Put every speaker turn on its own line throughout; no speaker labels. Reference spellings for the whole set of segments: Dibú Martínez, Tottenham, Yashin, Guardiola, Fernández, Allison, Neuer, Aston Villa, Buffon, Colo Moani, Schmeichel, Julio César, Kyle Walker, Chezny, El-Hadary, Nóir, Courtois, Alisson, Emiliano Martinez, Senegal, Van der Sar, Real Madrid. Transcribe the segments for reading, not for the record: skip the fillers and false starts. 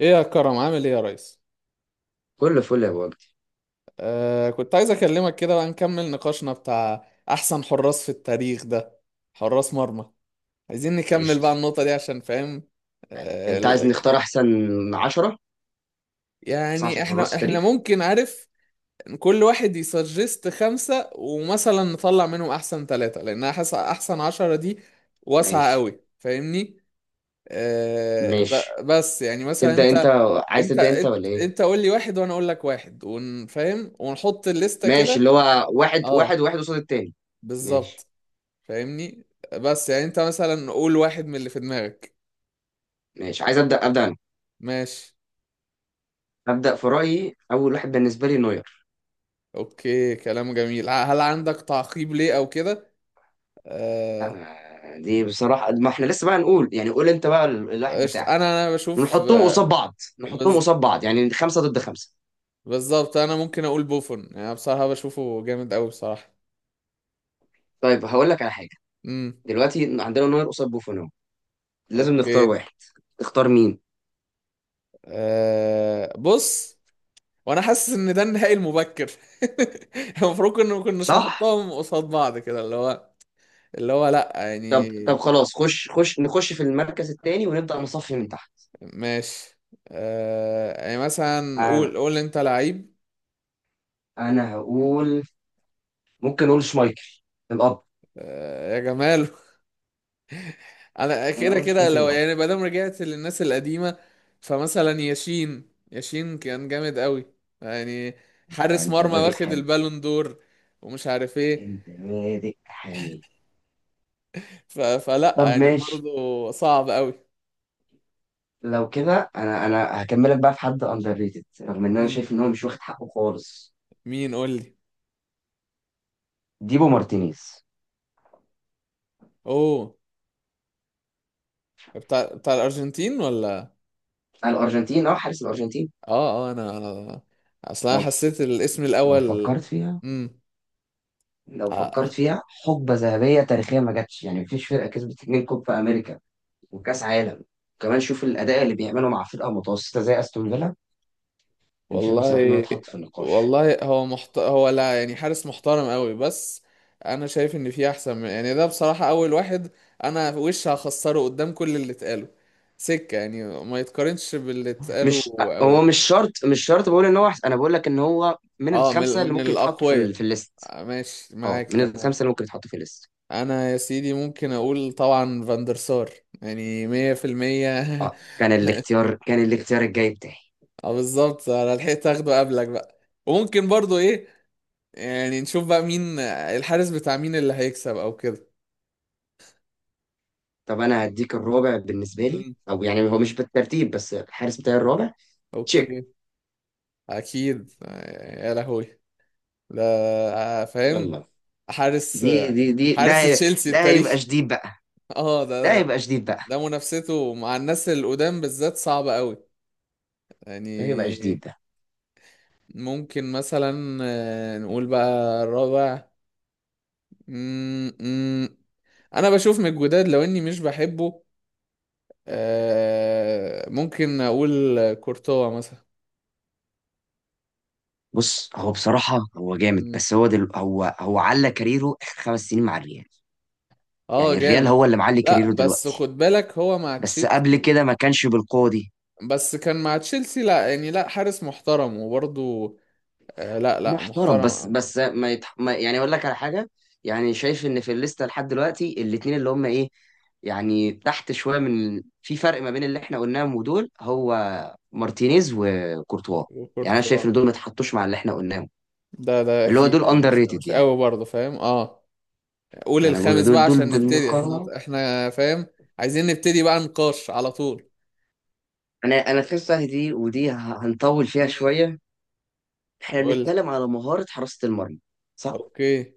ايه يا كرم، عامل ايه يا ريس؟
كل فل يا بوجد.
كنت عايز اكلمك كده، بقى نكمل نقاشنا بتاع احسن حراس في التاريخ ده. حراس مرمى. عايزين نكمل
قشطة.
بقى النقطة دي عشان فاهم. آه
انت عايز
ال-
نختار احسن عشرة، احسن
يعني
عشر حراس
احنا
التاريخ.
ممكن عارف، كل واحد يسجست خمسة ومثلا نطلع منهم احسن ثلاثة، لان حاسس احسن 10 دي واسعة
ماشي
قوي، فاهمني؟
ماشي
بس يعني مثلا
تبدأ انت،
انت.
عايز
انت
تبدأ انت ولا ايه؟
انت قول لي واحد، وانا اقول لك واحد، ونفهم ونحط الليستة
ماشي،
كده.
اللي هو واحد
اه،
واحد واحد قصاد التاني. ماشي
بالظبط. فاهمني؟ بس يعني انت مثلا قول واحد من اللي في دماغك.
ماشي عايز ابدأ انا.
ماشي.
ابدأ، في رأيي اول واحد بالنسبة لي نوير.
اوكي، كلام جميل. هل عندك تعقيب ليه او كده؟
لا
آه...
ما- دي بصراحة، ما احنا لسه بقى نقول، يعني قول انت بقى الواحد
قشطة.
بتاعك
انا بشوف.
ونحطهم قصاد بعض. نحطهم
بز...
قصاد بعض، يعني خمسة ضد خمسة.
بالظبط، انا ممكن اقول بوفون، يعني بصراحة بشوفه جامد قوي بصراحة.
طيب هقول لك على حاجة،
امم.
دلوقتي عندنا نوير قصاد بوفون اهو. لازم نختار
اوكي.
واحد، اختار مين؟
بص، وانا حاسس ان ده النهائي المبكر. المفروض ان ما كناش
صح.
نحطهم قصاد بعض كده، اللي هو اللي هو، لا
طب
يعني.
خلاص، خش نخش في المركز الثاني ونبدأ نصفي من تحت.
ماشي. يعني مثلا،
انا
قول انت لعيب.
انا هقول ممكن اقول شمايكل الاب،
آه يا جمال! انا
انا
كده
اقول
كده
شمايكل
لو
الاب.
يعني ما دام رجعت للناس القديمه، فمثلا ياشين ياشين كان جامد قوي. يعني
انت
حارس
انت
مرمى
بادئ
واخد
حامي،
البالون دور ومش عارف ايه.
انت بادئ حامي.
فلا
طب
يعني
ماشي،
برضه صعب قوي.
لو كده انا هكملك بقى في حد اندر ريتد، رغم ان انا
مم.
شايف ان هو مش واخد حقه خالص.
مين؟ قول لي.
ديبو مارتينيز.
اوه، بتاع الارجنتين ولا؟
الارجنتين، اه حارس الارجنتين.
اه، اه، انا اصلا
لو
حسيت الاسم
لو
الاول.
فكرت فيها،
امم.
لو فكرت فيها حقبة ذهبية تاريخية ما جاتش، يعني مفيش فرقة كسبت اتنين كوب في امريكا وكاس عالم. كمان شوف الاداء اللي بيعمله مع فرقه متوسطه زي استون فيلا، انا شايف بصراحه انه
والله.
يتحط في النقاش.
والله، هو هو، لا يعني حارس محترم قوي، بس انا شايف ان في احسن من، يعني ده بصراحة اول واحد انا وش هخسره قدام كل اللي اتقاله. سكة، يعني ما يتقارنش باللي اتقاله
مش،
قوي.
هو مش شرط بقول ان هو أحسن. انا بقول لك ان هو من
اه، من
الخمسه اللي
من
ممكن يتحطوا
الاقوياء.
في الليست.
آه، ماشي،
اه
معاك،
من
تمام.
الخمسه اللي ممكن يتحطوا في الليست.
انا يا سيدي ممكن اقول طبعا فاندرسار، يعني 100%.
اه كان الاختيار، كان الاختيار الجاي بتاعي.
اه بالظبط، انا لحقت اخده قبلك بقى. وممكن برضو ايه، يعني نشوف بقى مين الحارس بتاع مين اللي هيكسب او كده.
طب انا هديك الرابع بالنسبه لي،
مم.
او يعني هو مش بالترتيب، بس الحارس بتاعي الرابع تشيك.
اوكي. اكيد. يا لهوي! لا، فاهم.
يلا.
حارس.
دي دي دي ده
حارس
هي-
تشيلسي
ده
التاريخ.
هيبقى شديد بقى،
اه، ده
ده
ده
هيبقى شديد بقى،
ده منافسته مع الناس القدام بالذات صعبة قوي.
ده هيبقى
يعني
شديد ده.
ممكن مثلا، نقول بقى الرابع. مم، مم. انا بشوف من الجداد لو اني مش بحبه. ممكن اقول كورتوا مثلا.
بص، هو بصراحة هو جامد،
مم.
بس هو على كاريره آخر خمس سنين مع الريال،
اه،
يعني الريال
جامد.
هو اللي معلي
لا
كاريره
بس
دلوقتي.
خد بالك هو مع
بس قبل
تشيلسي.
كده ما كانش بالقوة دي.
بس كان مع تشيلسي، لا يعني لا، حارس محترم وبرضه. آه، لا، لا،
محترم، بس
محترم.
بس ما، يعني أقول لك على حاجة، يعني شايف إن في الليستة لحد دلوقتي الاتنين اللي هم إيه، يعني تحت شوية من في فرق ما بين اللي إحنا قلناهم ودول، هو مارتينيز وكورتوا. يعني أنا
كورتوا.
شايف إن دول ما اتحطوش مع اللي إحنا قلناهم،
ده
اللي هو
اكيد،
دول
يعني
أندر
مش
ريتد
مش
يعني.
قوي برضه، فاهم؟ اه. قول
ما أنا بقول
الخامس بقى
دول دول
عشان نبتدي، احنا
بالمقارنة
احنا فاهم؟ عايزين نبتدي بقى نقاش على طول.
انا تحسها دي ودي هنطول فيها
امم.
شويه. احنا
قول لي.
بنتكلم على مهاره حراسه المرمى، صح؟
اوكي.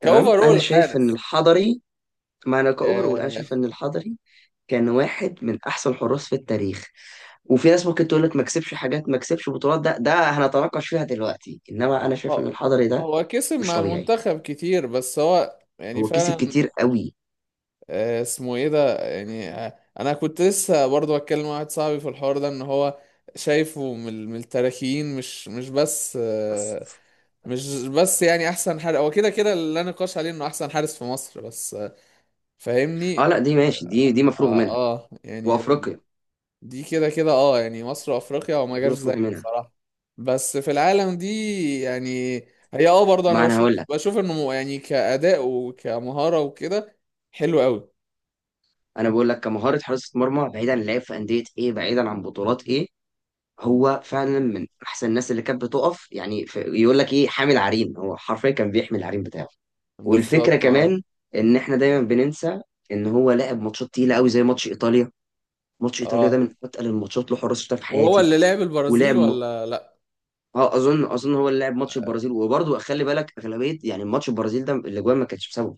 تمام، انا
كاوفرول
شايف ان
حارس.
الحضري، ما انا كاوفر اقول، انا
ياه.
شايف ان الحضري كان واحد من احسن الحراس في التاريخ. وفي ناس ممكن تقول لك ما كسبش حاجات، ما كسبش بطولات، ده هنتناقش فيها دلوقتي، انما انا شايف ان
هو،
الحضري ده
هو كسب
مش
مع
طبيعي.
المنتخب كتير، بس هو يعني
هو كسب
فعلا.
كتير قوي.
اسمه ايه ده؟ يعني انا كنت لسه برضه بتكلم مع واحد صاحبي في الحوار ده ان هو شايفه من التراكين، مش بس مش بس يعني احسن حارس. هو كده كده اللي لا نقاش عليه انه احسن حارس في مصر، بس
اه
فاهمني؟
لا دي ماشي، دي مفروغ منها.
اه. يعني
وافريقيا.
دي كده كده، اه يعني مصر وافريقيا، وما
دي
جاش زيه
مفروغ منها.
بصراحة. بس في العالم دي يعني، هي اه برضه انا
ما انا هقول
بشوف
لك،
بشوف انه يعني كأداء وكمهارة وكده، حلو قوي.
انا بقول لك كمهاره حراسه مرمى، بعيدا عن لعب في انديه ايه، بعيدا عن بطولات ايه، هو فعلا من احسن الناس اللي كانت بتقف. يعني يقول لك ايه، حامل عريم، هو حرفيا كان بيحمل العريم بتاعه. والفكره
بالظبط، اه.
كمان ان احنا دايما بننسى ان هو لعب ماتشات تقيله قوي زي ماتش ايطاليا. ماتش ايطاليا ده
اه،
من اتقل الماتشات اللي حراس شفتها في
وهو
حياتي.
اللي لعب البرازيل
ولعب م...
ولا لا؟
اه اظن هو اللي لعب ماتش البرازيل. وبرضه خلي بالك اغلبيه، يعني ماتش البرازيل ده الاجوان ما كانتش بسببه،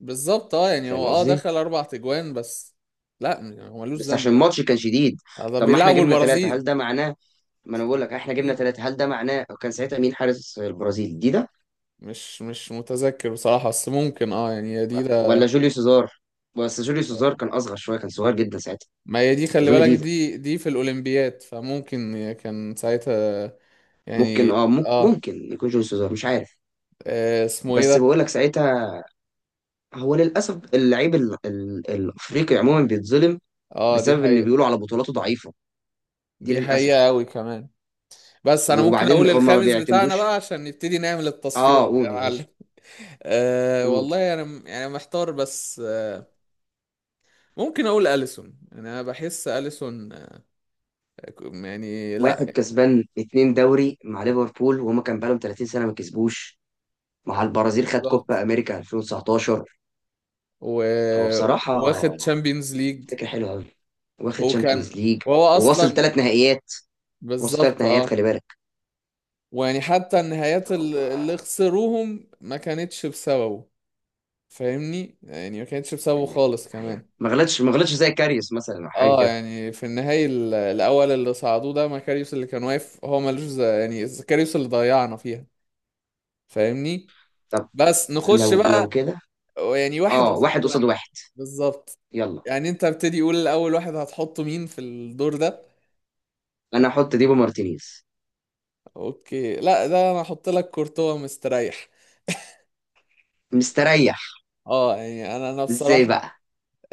بالظبط، اه، يعني
فاهم
هو
قصدي؟
دخل 4 تجوان بس. لا يعني هو ملوش
بس
ذنب
عشان
يعني.
الماتش كان شديد.
ده
طب ما احنا
بيلعبوا
جبنا ثلاثه،
البرازيل.
هل ده معناه؟ ما انا بقول لك احنا جبنا
مم.
ثلاثه، هل ده معناه؟ كان ساعتها مين حارس البرازيل دي،
مش متذكر بصراحة، بس ممكن اه يعني هي دي ده.
ولا جوليو سيزار؟ بس جوليو سيزار كان اصغر شويه، كان صغير جدا ساعتها.
ما هي دي، خلي
اظن
بالك
دي ده.
دي في الأولمبياد، فممكن هي كان ساعتها.
ممكن
يعني
اه
اه.
ممكن يكون جوليو سيزار، مش عارف.
اسمه ايه
بس
ده؟
بقول لك ساعتها هو للاسف اللعيب الافريقي عموما بيتظلم
اه، دي
بسبب ان
حقيقة.
بيقولوا على بطولاته ضعيفه. دي
دي حقيقة
للاسف.
قوي كمان. بس انا ممكن
وبعدين
اقول
هم ما
الخامس بتاعنا بقى
بيعتمدوش.
عشان نبتدي نعمل
اه
التصفيات يا
قول
معلم.
معلش، قول.
والله انا يعني محتار، بس ممكن اقول اليسون، يعني انا بحس اليسون، يعني لا.
واحد كسبان اتنين دوري مع ليفربول، وهما كان بقالهم 30 سنه ما كسبوش. مع البرازيل خد كوبا
بالظبط.
امريكا 2019.
و...
هو بصراحه
واخد تشامبيونز ليج.
فكره حلوه قوي، واخد
وكان،
تشامبيونز ليج
وهو
وواصل
اصلا،
ثلاث نهائيات. واصل ثلاث
بالظبط،
نهائيات،
اه.
خلي بالك.
ويعني حتى النهايات
فهو-
اللي خسروهم ما كانتش بسببه، فاهمني؟ يعني ما كانتش بسببه
حقيقة،
خالص
حقيقة
كمان.
ما غلطش، ما غلطش زي كاريوس مثلا او حاجه
اه،
كده.
يعني في النهاية الاول اللي صعدوه ده مكاريوس اللي كان واقف، هو ملوش يعني زكاريوس اللي ضيعنا فيها، فاهمني؟
طب
بس نخش
لو، لو
بقى،
كده.
يعني واحد
اه
قصاد
واحد قصاد
واحد.
واحد،
بالظبط.
يلا.
يعني انت ابتدي، قول الاول واحد هتحطه مين في الدور ده؟
انا احط ديبو مارتينيز.
اوكي، لا ده انا هحط لك كورتوا مستريح.
مستريح.
اه، يعني انا
ازاي
بصراحه،
بقى؟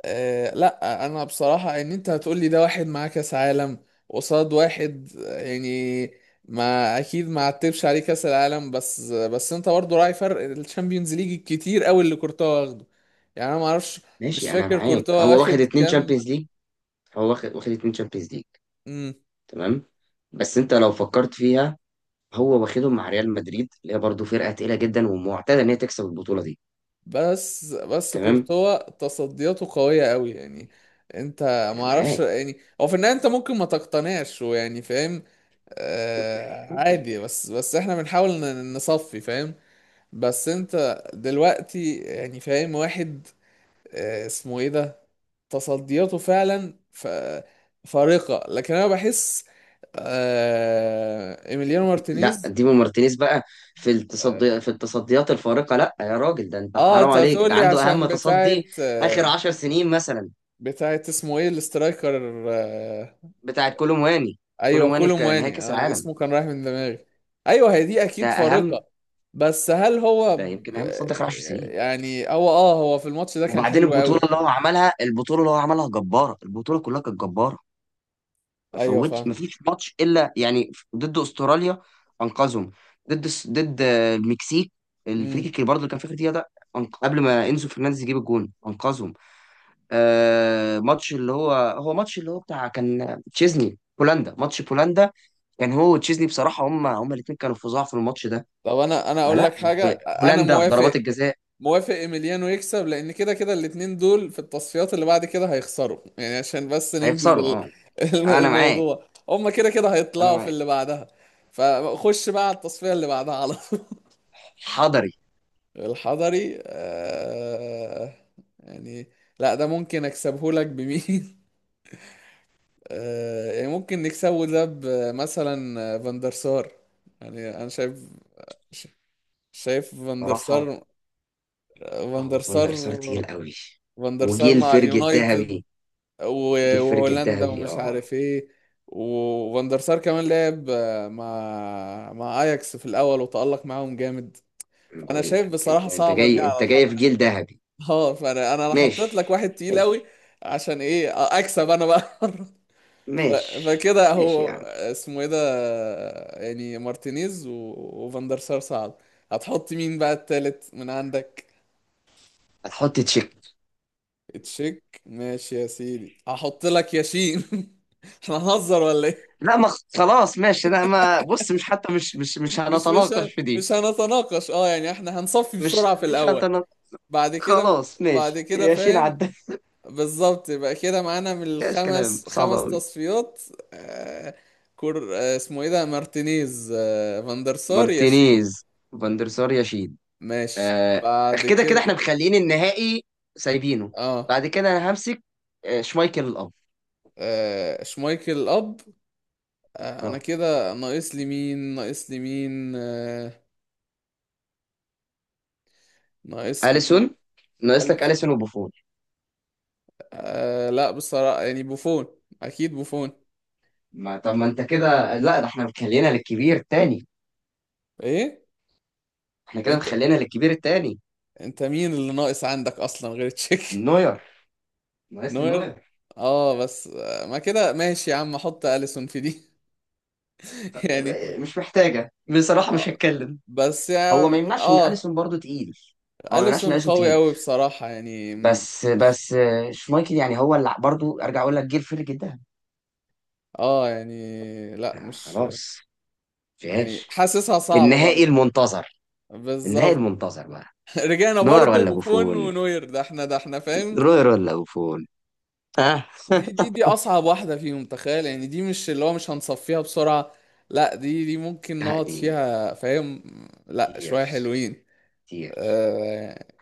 لا، انا بصراحه ان انت هتقول لي ده واحد معاه كاس عالم قصاد واحد، يعني ما اكيد، ما عتبش عليه كاس العالم، بس انت برضه راعي فرق الشامبيونز ليج الكتير قوي اللي كورتوا واخده. يعني انا ما اعرفش، مش
ماشي انا
فاكر
معاك،
كورتوا
هو واخد
واخد
اتنين
كام.
تشامبيونز ليج. هو واخد اتنين تشامبيونز ليج.
مم.
تمام، بس انت لو فكرت فيها، هو واخدهم مع ريال مدريد اللي هي برضه فرقه تقيله جدا ومعتاده ان هي تكسب البطوله دي.
بس
تمام
كورتوا تصدياته قوية قوي يعني. انت، ما
انا
اعرفش
معاك.
يعني هو في النهاية انت ممكن ما تقتنعش، ويعني فاهم.
اوكي.
عادي، بس احنا بنحاول نصفي، فاهم؟ بس انت دلوقتي يعني فاهم واحد. اسمه ايه ده؟ تصدياته فعلا فارقة، لكن انا بحس. ايميليانو
لا
مارتينيز.
ديمو مارتينيز بقى في
اه،
التصدي، في التصديات الفارقة، لا يا راجل، ده انت حرام
انت
عليك،
هتقول
ده
لي
عنده اهم
عشان
تصدي
بتاعت،
اخر عشر سنين مثلا.
بتاعت اسمه ايه الاسترايكر، آه،
بتاع كولومواني.
ايوه،
كولومواني في
كولو
نهائي
مواني،
كأس
انا
العالم،
اسمه كان رايح من دماغي. ايوه هي دي
ده
اكيد
اهم،
فارقة. بس هل هو
ده يمكن اهم تصدي اخر عشر سنين.
يعني هو هو في الماتش ده كان
وبعدين
حلو
البطولة
قوي.
اللي هو عملها، البطولة اللي هو عملها جبارة، البطولة كلها كانت جبارة. ما
ايوه،
فوتش،
فاهم.
ما فيش ماتش الا، يعني ضد استراليا انقذهم، ضد المكسيك
امم.
الفريق اللي برضه اللي كان في اخر دقيقة ده، قبل ما انزو فرنانديز يجيب الجون انقذهم. آه ماتش اللي هو، هو ماتش اللي هو بتاع، كان تشيزني بولندا، ماتش بولندا. كان هو وتشيزني بصراحة، هم الاثنين كانوا فظاع في الماتش ده.
طب انا اقول
فلا،
لك حاجة، انا
هولندا، ضربات
موافق.
الجزاء.
موافق، ايميليانو يكسب، لان كده كده الاتنين دول في التصفيات اللي بعد كده هيخسروا، يعني عشان بس ننجز
هيخسروا اه. انا معاك،
الموضوع، هما كده كده
انا
هيطلعوا في
معاك.
اللي بعدها. فخش بقى على التصفية اللي بعدها، على
حضري.
الحضري. يعني، لا ده ممكن اكسبه لك بمين؟ يعني ممكن نكسبه ده، مثلا فاندرسار. يعني انا شايف، ش- شايف
بصراحة
فاندرسار.
هو فان
فاندرسار.
دير سار تقيل قوي،
فاندرسار
وجيل
مع
فرج
اليونايتد،
الذهبي. جيل فرج
وهولندا،
الذهبي
ومش
اه.
عارف ايه. وفاندرسار كمان لعب مع اياكس في الاول، وتألق معاهم جامد.
أنا
فانا
بقول
شايف
لك، انت
بصراحة
انت
صعبة دي
جاي،
على
انت جاي
الحضري.
في جيل ذهبي.
اه، فانا انا حطيت لك
ماشي.
واحد تقيل قوي.
ماشي.
عشان ايه؟ اكسب انا بقى مرة. ف-
ماشي.
فكده
ماشي يا
هو
عم.
اسمه ايه ده، يعني مارتينيز وفاندر سار، صعب. هتحط مين بقى التالت من عندك؟
هتحط تشيك.
تشيك؟ ماشي يا سيدي، هحط لك ياشين. احنا هنهزر ولا ايه؟
لا ما خلاص ماشي، لا ما بص، مش حتى مش
مش مش
هنتناقش
ه-
في دي.
مش هنتناقش، اه يعني احنا هنصفي
مش
بسرعة في
مش
الاول.
هنتناقش.
بعد كده،
خلاص
بعد
ماشي،
كده،
ياشين
فاهم.
عدى.
بالظبط، يبقى كده معانا من
ماشي، كلام
الخمس
صعب
خمس
قوي.
تصفيات. آه. كور آه اسمه ايه ده، مارتينيز، فاندرسار، ياشين.
مارتينيز، فاندرسار، ياشين.
ماشي.
آه
بعد
كده كده
كده،
احنا مخليين النهائي سايبينه.
اه.
بعد كده انا همسك، آه شمايكل الاب.
شمايكل اب. انا
اه
كده، ناقص لي مين؟ ناقص لي مين؟ ناقص لي،
اليسون. ناقص لك
الف.
اليسون وبوفون.
لا بصراحة، يعني بوفون، اكيد بوفون.
ما طب ما انت كده، لا ده احنا مخلينا للكبير التاني.
ايه؟
احنا كده
انت،
مخلينا للكبير التاني.
انت مين اللي ناقص عندك اصلا غير تشيك؟
نوير، ناقص لي
نوير.
نوير.
اه، بس ما كده ماشي يا عم، احط اليسون في دي. يعني
مش محتاجة بصراحة،
آه،
مش هتكلم.
بس
هو ما
يعني
يمنعش ان
اه،
اليسون برضو تقيل. هو ما يمنعش ان
اليسون
اليسون
قوي
تقيل.
قوي بصراحة يعني
بس
مش.
بس آه، شمايكل يعني هو اللي برضو، ارجع اقول لك جه الفرق جدا.
اه يعني، لا،
آه
مش.
خلاص،
يعني
فيهاش.
حاسسها صعبة
النهائي
برضه.
المنتظر، النهائي
بالظبط.
المنتظر بقى.
رجعنا
نوير
برضه
ولا
بوفون
بوفون؟
ونوير، ده احنا ده احنا، فاهم.
روير ولا بوفون؟ ها
دي دي دي اصعب واحدة فيهم، تخيل. يعني دي مش اللي هو مش هنصفيها بسرعة، لا، دي ممكن
آه.
نقعد
دي
فيها، فاهم. لا، شوية
تيرز.
حلوين.
تيرز.
آه...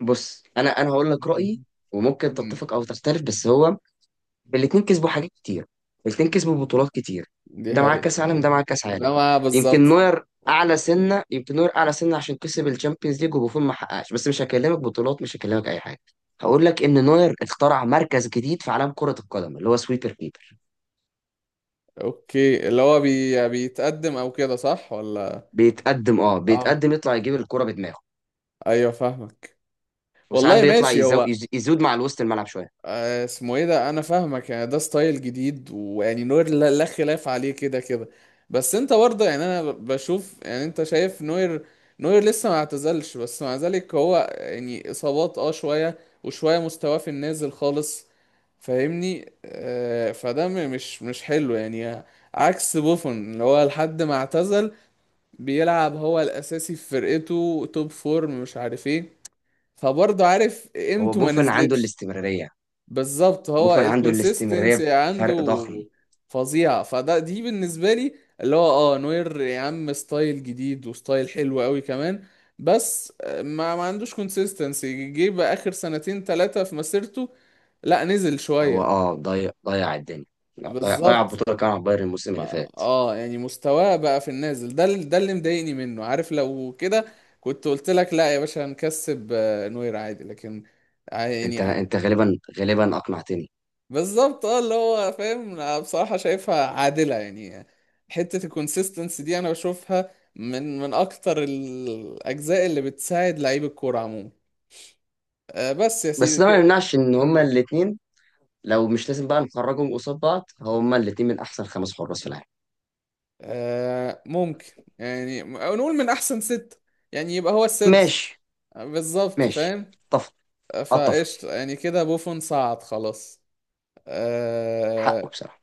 بص، انا هقول لك رأيي، وممكن تتفق او تختلف. بس هو الاتنين كسبوا حاجات كتير، الاتنين كسبوا بطولات كتير،
دي
ده معاه
حقيقة.
كاس عالم، ده معاه كاس عالم.
ده ما
يمكن
بالظبط.
نوير اعلى سنه، يمكن نوير اعلى سنه عشان كسب الشامبيونز ليج وبوفون ما حققش. بس مش هكلمك بطولات، مش هكلمك اي حاجه، هقول لك ان نوير اخترع مركز جديد في عالم كره القدم اللي هو سويبر كيبر.
اوكي، اللي هو بيتقدم او كده، صح ولا؟
بيتقدم، اه
اه،
بيتقدم، يطلع يجيب الكره بدماغه.
ايوه فاهمك.
وساعات
والله
بيطلع
ماشي، هو،
يزود مع الوسط الملعب شويه.
اسمه ايه ده؟ انا فاهمك يعني ده ستايل جديد، ويعني نوير، لا، لا خلاف عليه كده كده. بس انت برضه يعني انا بشوف، يعني انت شايف نوير، نوير لسه ما اعتزلش، بس مع ذلك هو يعني اصابات شوية، وشوية مستواه في النازل خالص، فاهمني؟ فده مش حلو يعني. عكس بوفون، اللي هو لحد ما اعتزل بيلعب هو الاساسي في فرقته، توب فورم مش عارف ايه. فبرضه عارف
هو
قيمته ما
بوفون عنده
نزلتش.
الاستمراريه،
بالظبط، هو
بوفون عنده الاستمراريه
الكونسيستنسي عنده
بفرق ضخم.
فظيعة. فده دي بالنسبة لي، اللي هو اه نوير يا عم ستايل جديد، وستايل حلو قوي كمان، بس ما عندوش كونسيستنسي. جه بقى آخر سنتين ثلاثة في مسيرته، لا نزل
هو
شوية.
اه ضيع الدنيا، لا ضيع
بالظبط.
البطوله كان على بايرن الموسم اللي فات.
اه يعني مستواه بقى في النازل ده، ده اللي مضايقني منه، عارف لو كده كنت قلت لك لا يا باشا هنكسب، نوير عادي، لكن
انت
يعني.
انت غالبا اقنعتني.
بالظبط اه، اللي هو فاهم، انا بصراحة شايفها عادلة يعني. حتة الكونسيستنس دي انا بشوفها من اكتر الاجزاء اللي بتساعد لعيب الكورة عموما. بس يا سيدي
بس ده ما
كده.
يمنعش ان
مم.
هما الاثنين، لو مش لازم بقى نخرجهم قصاد بعض، هما الاثنين من احسن خمس حراس في العالم.
ممكن، يعني أو نقول من احسن ستة، يعني يبقى هو السادس.
ماشي.
بالظبط،
ماشي.
فاهم.
اتفق. اتفق،
فقشطة، يعني كده بوفون صعد خلاص.
حقه
آه.
بصراحه.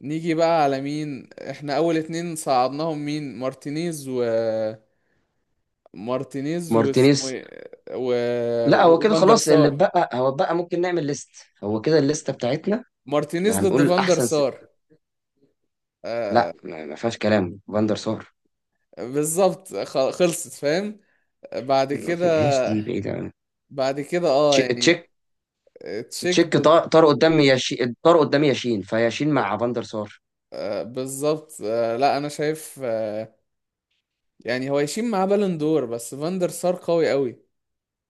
نيجي بقى على مين احنا اول اتنين صعدناهم؟ مين؟ مارتينيز و، مارتينيز واسمه
مارتينيز.
ايه
لا هو كده
وفاندر
خلاص، اللي
سار.
اتبقى، هو اتبقى ممكن نعمل ليست. هو كده الليسته بتاعتنا، اللي
مارتينيز ضد
هنقول
فاندر سار. آه
لا ما، ما فيهاش كلام فاندر سار.
بالظبط، خلصت، فاهم. بعد
ما
كده.
فيهاش، دي بعيده أوي.
بعد كده اه يعني،
تشيك.
تشيك
تشيك
ضد.
طار, طار قدام ياشين، طار قدام ياشين. فياشين مع فاندر سار.
بالظبط، لا انا شايف، يعني هو يشيل معاه بالون دور، بس فاندر سار قوي قوي.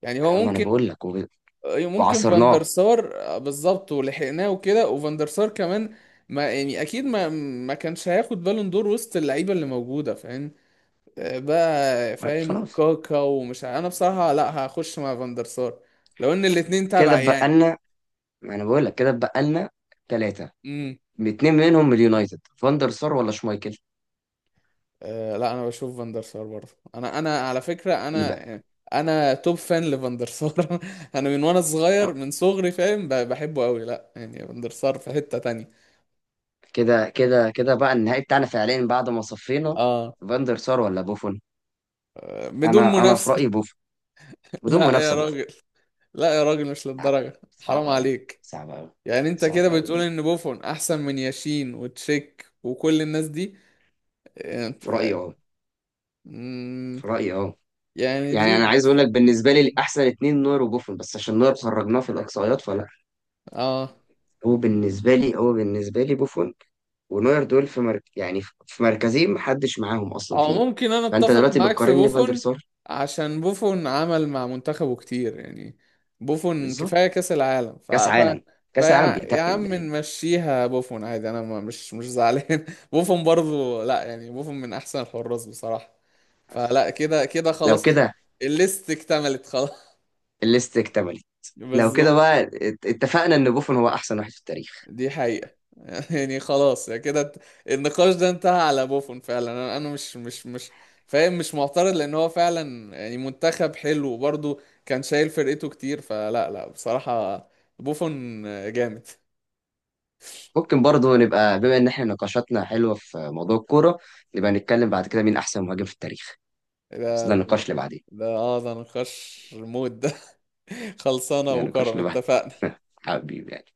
يعني هو
انا ما، انا
ممكن،
بقول لك
ممكن فاندر
وعصرناه.
سار، بالظبط، ولحقناه وكده، وفاندر سار كمان. ما يعني اكيد ما، ما كانش هياخد بالون دور وسط اللعيبه اللي موجوده، فاهم. بقى فاهم،
خلاص
كاكا ومش انا بصراحة لا، هخش مع فاندر سار لو ان الاتنين
كده
تبع
اتبقى
يعني.
لنا، ما انا بقول لك كده اتبقى لنا ثلاثه،
امم.
اتنين منهم من اليونايتد، فاندر سار ولا شمايكل؟
لا، انا بشوف فاندر سار برضه، انا على فكرة، انا
يبقى
يعني، انا توب فان لفاندر سار. انا من وانا صغير، من صغري، فاهم؟ بحبه قوي، لا يعني فاندر سار في حتة تانية.
كده بقى النهائي بتاعنا فعليا بعد ما صفينا،
اه،
فاندر سار ولا بوفون.
بدون
انا في
منافسة.
رايي بوفون، بدون
لا يا
منافسه بوفون.
راجل. لا يا راجل، مش
لا،
للدرجة، حرام
صعبه قوي،
عليك.
صعبه قوي،
يعني انت كده
صعبه قوي
بتقول
دي.
ان بوفون احسن من ياشين وتشيك وكل الناس دي؟
في
إيه؟
رايي اه
انت،
في رايي اه
يعني
يعني انا
دي
عايز اقول لك بالنسبه لي احسن اتنين نوير وبوفون، بس عشان نوير خرجناه في الاقصائيات فلا.
اه،
هو بالنسبه لي بوفون، ونوير، يعني في مركزين محدش معاهم اصلا
او
فيه.
ممكن انا
فانت
اتفق
دلوقتي
معاك في
بتقارن لي فاندر
بوفون،
سار.
عشان بوفون عمل مع منتخبه كتير، يعني بوفون كفاية
بالظبط،
كأس العالم.
كاس عالم، كاس عالم
فيا يا
بيتقل
عم
دايما.
نمشيها، بوفون عادي، انا ما مش زعلان. بوفون برضو، لا يعني بوفون من احسن الحراس بصراحة.
بس
فلا، كده كده
لو
خلاص،
كده
الليست اكتملت خلاص.
الليست اكتملت. لو كده
بالظبط.
بقى اتفقنا ان بوفون هو احسن واحد في التاريخ.
دي حقيقة. يعني خلاص، يعني كده، النقاش ده انتهى على بوفون فعلا. انا مش فاهم، مش معترض لان هو فعلا يعني منتخب حلو، وبرضه كان شايل فرقته كتير، فلا، لا بصراحة، بوفون جامد.
ممكن برضه
الله.
نبقى، بما ان احنا نقاشاتنا حلوه في موضوع الكوره، نبقى نتكلم بعد كده مين احسن مهاجم في التاريخ، بس ده
ده
النقاش اللي بعدين،
ده اه، ده نقاش، مود ده. خلصانة
ده نقاش
وكرم،
لوحده.
اتفقنا.
حبيبي يعني.